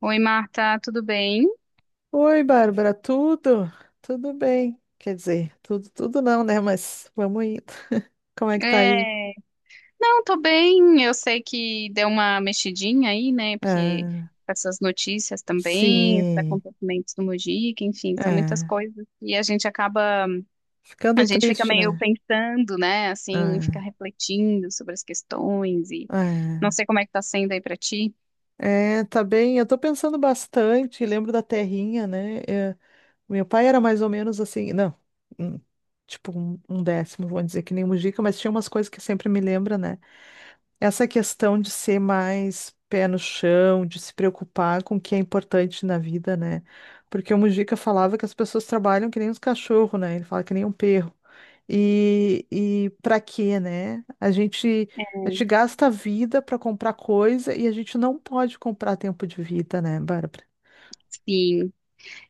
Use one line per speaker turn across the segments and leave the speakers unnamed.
Oi, Marta, tudo bem?
Oi, Bárbara, tudo? Tudo bem? Quer dizer, tudo, tudo não, né? Mas vamos indo. Como é que tá aí?
É, não, tô bem. Eu sei que deu uma mexidinha aí, né? Porque
Ah,
essas notícias também, esses
sim.
acontecimentos do Mujica, enfim, são muitas
Ah,
coisas e a
ficando
gente fica
triste,
meio
né?
pensando, né? Assim, fica
Ah,
refletindo sobre as questões e não
ah.
sei como é que tá sendo aí pra ti.
É, tá bem. Eu tô pensando bastante, lembro da terrinha, né? O meu pai era mais ou menos assim, não, hum, tipo um décimo, vou dizer que nem Mujica, mas tinha umas coisas que sempre me lembra, né? Essa questão de ser mais pé no chão, de se preocupar com o que é importante na vida, né? Porque o Mujica falava que as pessoas trabalham que nem os cachorros, né? Ele fala que nem um perro. E para quê, né? A gente gasta a vida para comprar coisa e a gente não pode comprar tempo de vida, né, Bárbara?
Sim.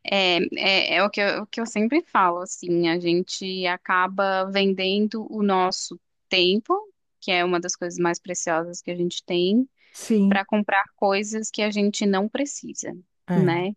É o que eu sempre falo, assim, a gente acaba vendendo o nosso tempo, que é uma das coisas mais preciosas que a gente tem,
Sim,
para comprar coisas que a gente não precisa,
é,
né?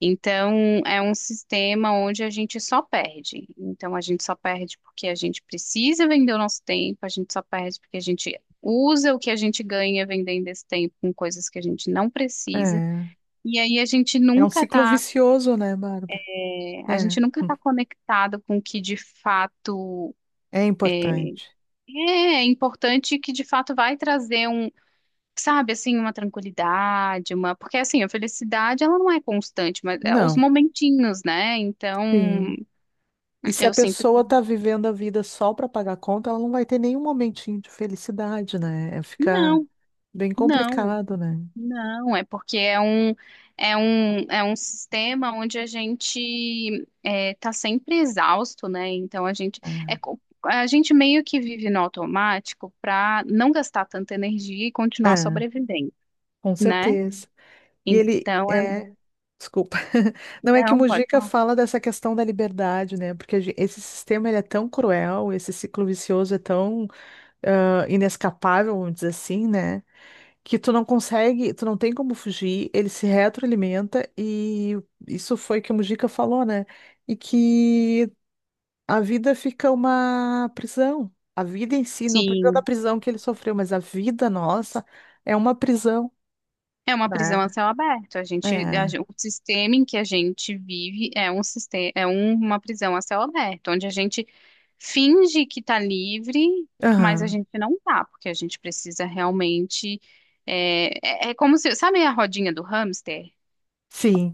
Então, é um sistema onde a gente só perde. Então, a gente só perde porque a gente precisa vender o nosso tempo, a gente só perde porque a gente usa o que a gente ganha vendendo esse tempo com coisas que a gente não precisa.
é.
E aí a gente
É um
nunca
ciclo
está
vicioso, né, Bárbara?
é, a
É,
gente nunca está conectado com o que de fato
é
é,
importante.
é importante e que de fato vai trazer um, sabe, assim, uma tranquilidade, uma, porque assim, a felicidade ela não é constante, mas é os
Não,
momentinhos, né? Então,
sim. E se a
eu sinto que
pessoa está vivendo a vida só para pagar conta, ela não vai ter nenhum momentinho de felicidade, né? É, fica
não,
bem
não.
complicado, né?
Não, é porque é um sistema onde a gente está sempre exausto, né? Então é, co- a gente meio que vive no automático para não gastar tanta energia e
É,
continuar
é,
sobrevivendo,
com
né?
certeza. E ele
Então é,
é, desculpa. Não é que o
não, pode
Mujica
falar.
fala dessa questão da liberdade, né? Porque a gen- esse sistema ele é tão cruel, esse ciclo vicioso é tão inescapável, vamos dizer assim, né? Que tu não consegue, tu não tem como fugir, ele se retroalimenta e isso foi que o Mujica falou, né? E que a vida fica uma prisão. A vida em si, não precisa da
Sim.
prisão que ele sofreu, mas a vida nossa é uma prisão,
É uma
né?
prisão a céu aberto. A gente, a
É.
gen- O sistema em que a gente vive é um sistema, uma prisão a céu aberto, onde a gente finge que está livre, mas a
Aham.
gente não tá, porque a gente precisa realmente. É, é como se, sabe a rodinha do hamster?
Sim.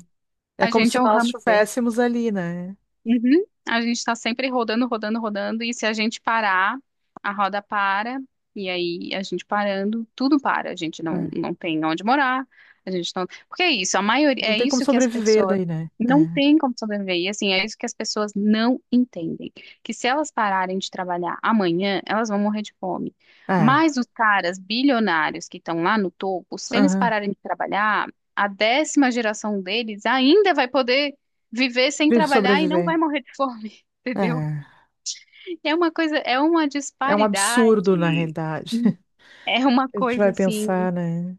É
A
como
gente
se
é o
nós
hamster.
estivéssemos ali, né?
Uhum. A gente está sempre rodando, rodando, rodando, e se a gente parar, a roda para, e aí a gente parando, tudo para. A gente não,
É.
não tem onde morar, a gente não. Porque é isso, a maioria,
Não
é
tem como
isso que as
sobreviver
pessoas
daí, né?
não
É.
têm como sobreviver, e assim, é isso que as pessoas não entendem. Que se elas pararem de trabalhar amanhã, elas vão morrer de fome.
É.
Mas os caras bilionários que estão lá no topo, se eles
Aham.
pararem de trabalhar, a décima geração deles ainda vai poder viver sem
Vi-
trabalhar e não vai
sobreviver.
morrer de fome, entendeu?
É.
É uma coisa, é uma
É um absurdo, na
disparidade.
realidade.
É uma
A gente
coisa
vai
assim,
pensar, né?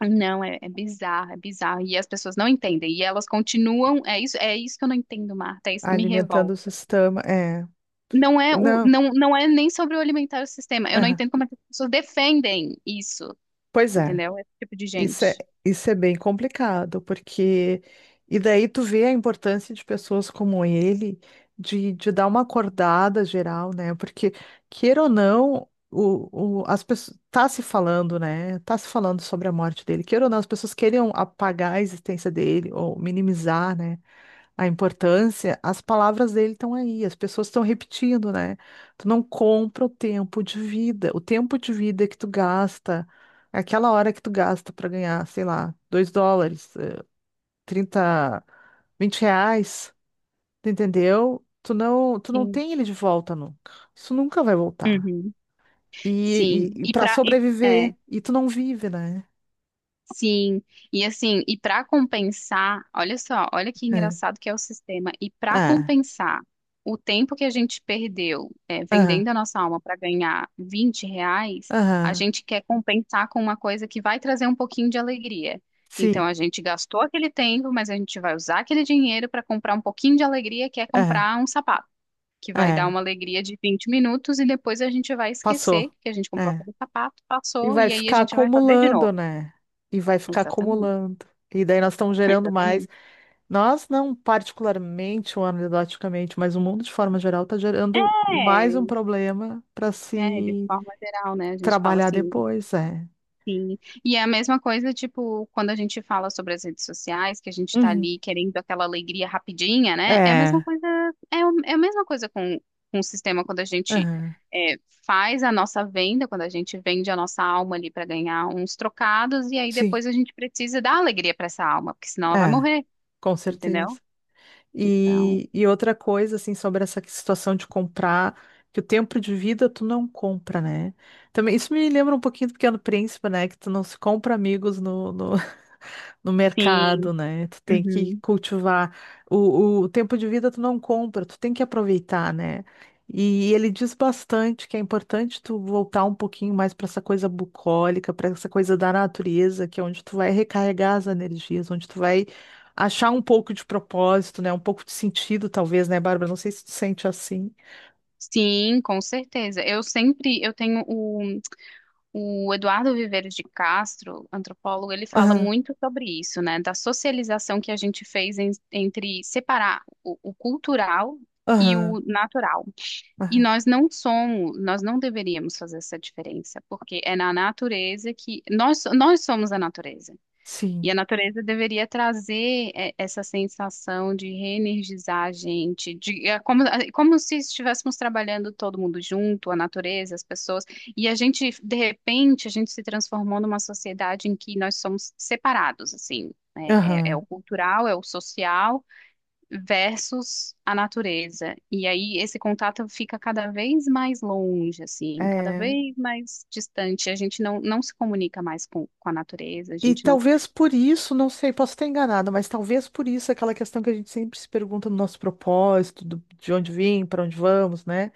não, é bizarro, é bizarro. E as pessoas não entendem. E elas continuam, é isso que eu não entendo, Marta, é isso que me
Alimentando
revolta.
o sistema, é.
Não é o,
Não,
não, não é nem sobre o alimentar o sistema. Eu não
é.
entendo como é que as pessoas defendem isso,
Pois é.
entendeu? Esse tipo de
Isso é,
gente.
isso é bem complicado, porque. E daí tu vê a importância de pessoas como ele, de dar uma acordada geral, né? Porque, queira ou não, as pessoas. Tá se falando, né? Tá se falando sobre a morte dele. Queira ou não, as pessoas queriam apagar a existência dele, ou minimizar, né? A importância, as palavras dele estão aí, as pessoas estão repetindo, né? Tu não compra o tempo de vida, o tempo de vida que tu gasta, aquela hora que tu gasta para ganhar, sei lá, US$ 2, 30, R$ 20, tu entendeu? Tu não
Sim.
tem ele de volta nunca. Isso nunca vai voltar.
Uhum.
E,
Sim.
e,
E
para
para
sobreviver, e tu não vive, né?
Sim, e assim, e para compensar, olha só, olha que
É.
engraçado que é o sistema. E para
Ah,
compensar o tempo que a gente perdeu,
ah,
vendendo a nossa alma para ganhar 20 reais, a
ah,
gente quer compensar com uma coisa que vai trazer um pouquinho de alegria.
sim,
Então a gente gastou aquele tempo, mas a gente vai usar aquele dinheiro para comprar um pouquinho de alegria, que é
é,
comprar um sapato, que vai dar
é,
uma alegria de 20 minutos e depois a gente vai esquecer
passou.
que a gente comprou
É.
aquele sapato,
E
passou,
vai
e aí a
ficar
gente vai fazer de
acumulando,
novo.
né? E vai ficar
Exatamente.
acumulando. E daí nós estamos gerando mais.
Exatamente.
Nós não particularmente ou anedoticamente, mas o mundo de forma geral está gerando mais um
É,
problema para
é, de
se
forma geral, né? A gente fala
trabalhar
assim,
depois, é.
sim. E é a mesma coisa, tipo, quando a gente fala sobre as redes sociais, que a gente tá
Uhum.
ali querendo aquela alegria rapidinha, né? É a mesma
É,
coisa, é a mesma coisa com o sistema quando a gente
aham,
é, faz a nossa venda, quando a gente vende a nossa alma ali para ganhar uns trocados, e aí
sim,
depois a gente precisa dar alegria para essa alma, porque senão ela vai
é,
morrer,
com
entendeu?
certeza.
Então,
E outra coisa, assim, sobre essa situação de comprar, que o tempo de vida tu não compra, né? Também, isso me lembra um pouquinho do Pequeno Príncipe, né? Que tu não se compra amigos no mercado,
sim.
né? Tu tem que
Uhum.
cultivar. O tempo de vida tu não compra, tu tem que aproveitar, né? E ele diz bastante que é importante tu voltar um pouquinho mais para essa coisa bucólica, para essa coisa da natureza, que é onde tu vai recarregar as energias, onde tu vai achar um pouco de propósito, né? Um pouco de sentido, talvez, né, Bárbara? Não sei se tu sente assim.
Sim, com certeza. Eu sempre, eu tenho o O Eduardo Viveiro de Castro, antropólogo, ele fala
Aham,
muito sobre isso, né? Da socialização que a gente fez entre separar o cultural e
aham,
o natural. E
aham,
nós não deveríamos fazer essa diferença, porque é na natureza que nós somos a natureza. E
sim,
a natureza deveria trazer essa sensação de reenergizar a gente, é como se estivéssemos trabalhando todo mundo junto, a natureza, as pessoas, e a gente, de repente, a gente se transformou numa sociedade em que nós somos separados, assim, né? É o
aham,
cultural, é o social versus a natureza, e aí esse contato fica cada vez mais longe, assim, cada
é.
vez mais distante, a gente não se comunica mais com a natureza, a
E
gente não
talvez por isso, não sei, posso estar enganada, mas talvez por isso aquela questão que a gente sempre se pergunta no nosso propósito, do- de onde vim, para onde vamos, né?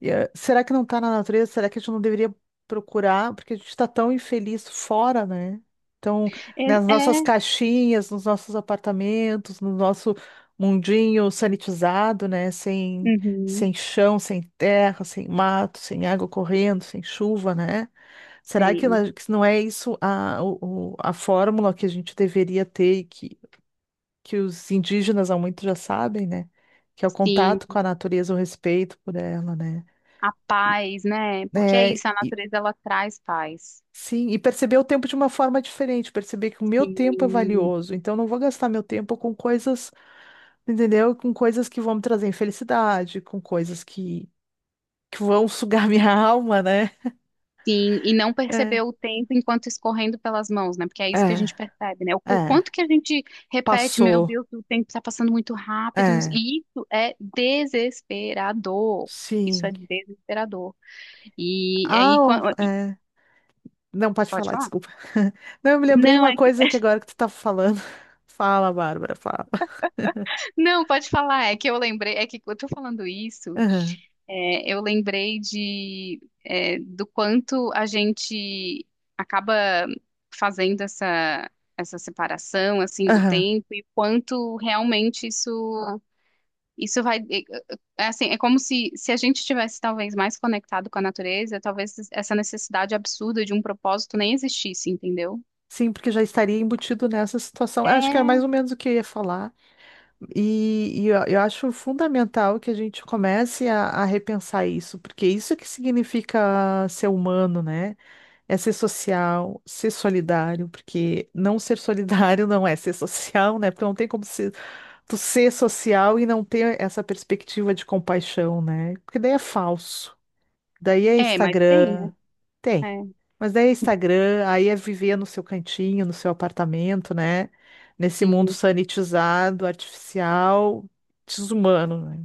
E, eh, será que não está na natureza? Será que a gente não deveria procurar? Porque a gente está tão infeliz fora, né? Então,
é,
nas nossas
é.
caixinhas, nos nossos apartamentos, no nosso mundinho sanitizado, né? Sem,
Uhum.
sem chão, sem terra, sem mato, sem água correndo, sem chuva, né? Será que,
Sim,
na- que não é isso a, o- a fórmula que a gente deveria ter e que os indígenas há muito já sabem, né? Que é o
sim,
contato com a natureza, o respeito por ela, né?
a paz, né? Porque é
É,
isso, a
e-
natureza ela traz paz.
sim, e perceber o tempo de uma forma diferente, perceber que o meu tempo é
Sim,
valioso, então eu não vou gastar meu tempo com coisas, entendeu? Com coisas que vão me trazer infelicidade, com coisas que vão sugar minha alma, né?
sim, e não
É,
perceber o tempo enquanto escorrendo pelas mãos, né? Porque é isso que a
é,
gente percebe, né? O
é,
quanto que a gente repete, meu
passou,
Deus, o tempo está passando muito rápido,
é,
e isso é desesperador. Isso é
sim.
desesperador. E é
Ah,
aí,
ó,
quan- e-
é. Não, pode
Pode
falar,
falar?
desculpa. Não, eu me lembrei
Não,
uma
é que,
coisa que agora que tu tá falando. Fala, Bárbara, fala.
não, pode falar, é que eu lembrei, é que eu tô falando isso.
Aham,
Eu lembrei do quanto a gente acaba fazendo essa, separação assim do
aham.
tempo e quanto realmente isso vai, assim, é como se a gente tivesse talvez mais conectado com a natureza, talvez essa necessidade absurda de um propósito nem existisse, entendeu?
Sim, porque já estaria embutido nessa situação. Acho que era mais ou menos o que eu ia falar. E eu acho fundamental que a gente comece a repensar isso, porque isso é que significa ser humano, né? É ser social, ser solidário, porque não ser solidário não é ser social, né? Porque não tem como ser, tu ser social e não ter essa perspectiva de compaixão, né? Porque daí é falso. Daí é
É, mas tem, né?
Instagram. Tem.
É,
Mas daí é Instagram, aí é viver no seu cantinho, no seu apartamento, né? Nesse mundo
sim.
sanitizado, artificial, desumano, né?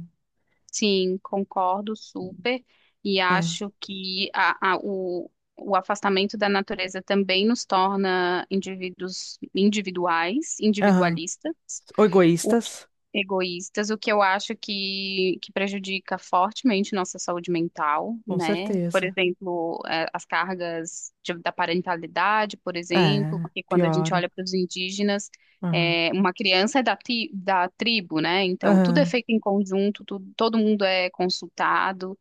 Sim, concordo super, e
É.
acho que o afastamento da natureza também nos torna indivíduos individuais,
Aham.
individualistas,
Ou egoístas,
egoístas, o que eu acho que prejudica fortemente nossa saúde mental,
com
né? Por
certeza.
exemplo, as cargas da parentalidade, por exemplo,
É,
porque quando a gente
pioram.
olha para os indígenas,
Aham.
uma criança é da tribo, né? Então, tudo é
Aham.
feito em conjunto, tudo, todo mundo é consultado,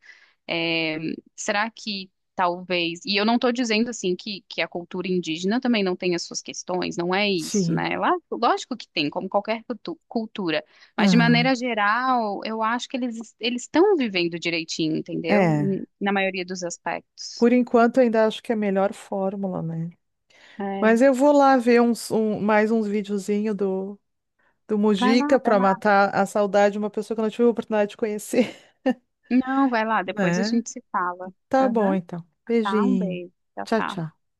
é, será que talvez. E eu não estou dizendo assim que a cultura indígena também não tem as suas questões, não é isso,
Sim.
né? Lá, lógico que tem, como qualquer cultura. Mas de
Aham.
maneira geral, eu acho que eles estão vivendo direitinho, entendeu?
É.
Na maioria dos aspectos.
Por enquanto, ainda acho que é a melhor fórmula, né?
É.
Mas eu vou lá ver uns, um- mais uns videozinhos do
Vai lá,
Mujica
vai
para
lá.
matar a saudade de uma pessoa que eu não tive a oportunidade de conhecer,
Não, vai lá, depois a
né?
gente se fala.
Tá bom,
Aham.
então.
Tá, um
Beijinho.
beijo. Tchau,
Tchau,
tchau.
tchau.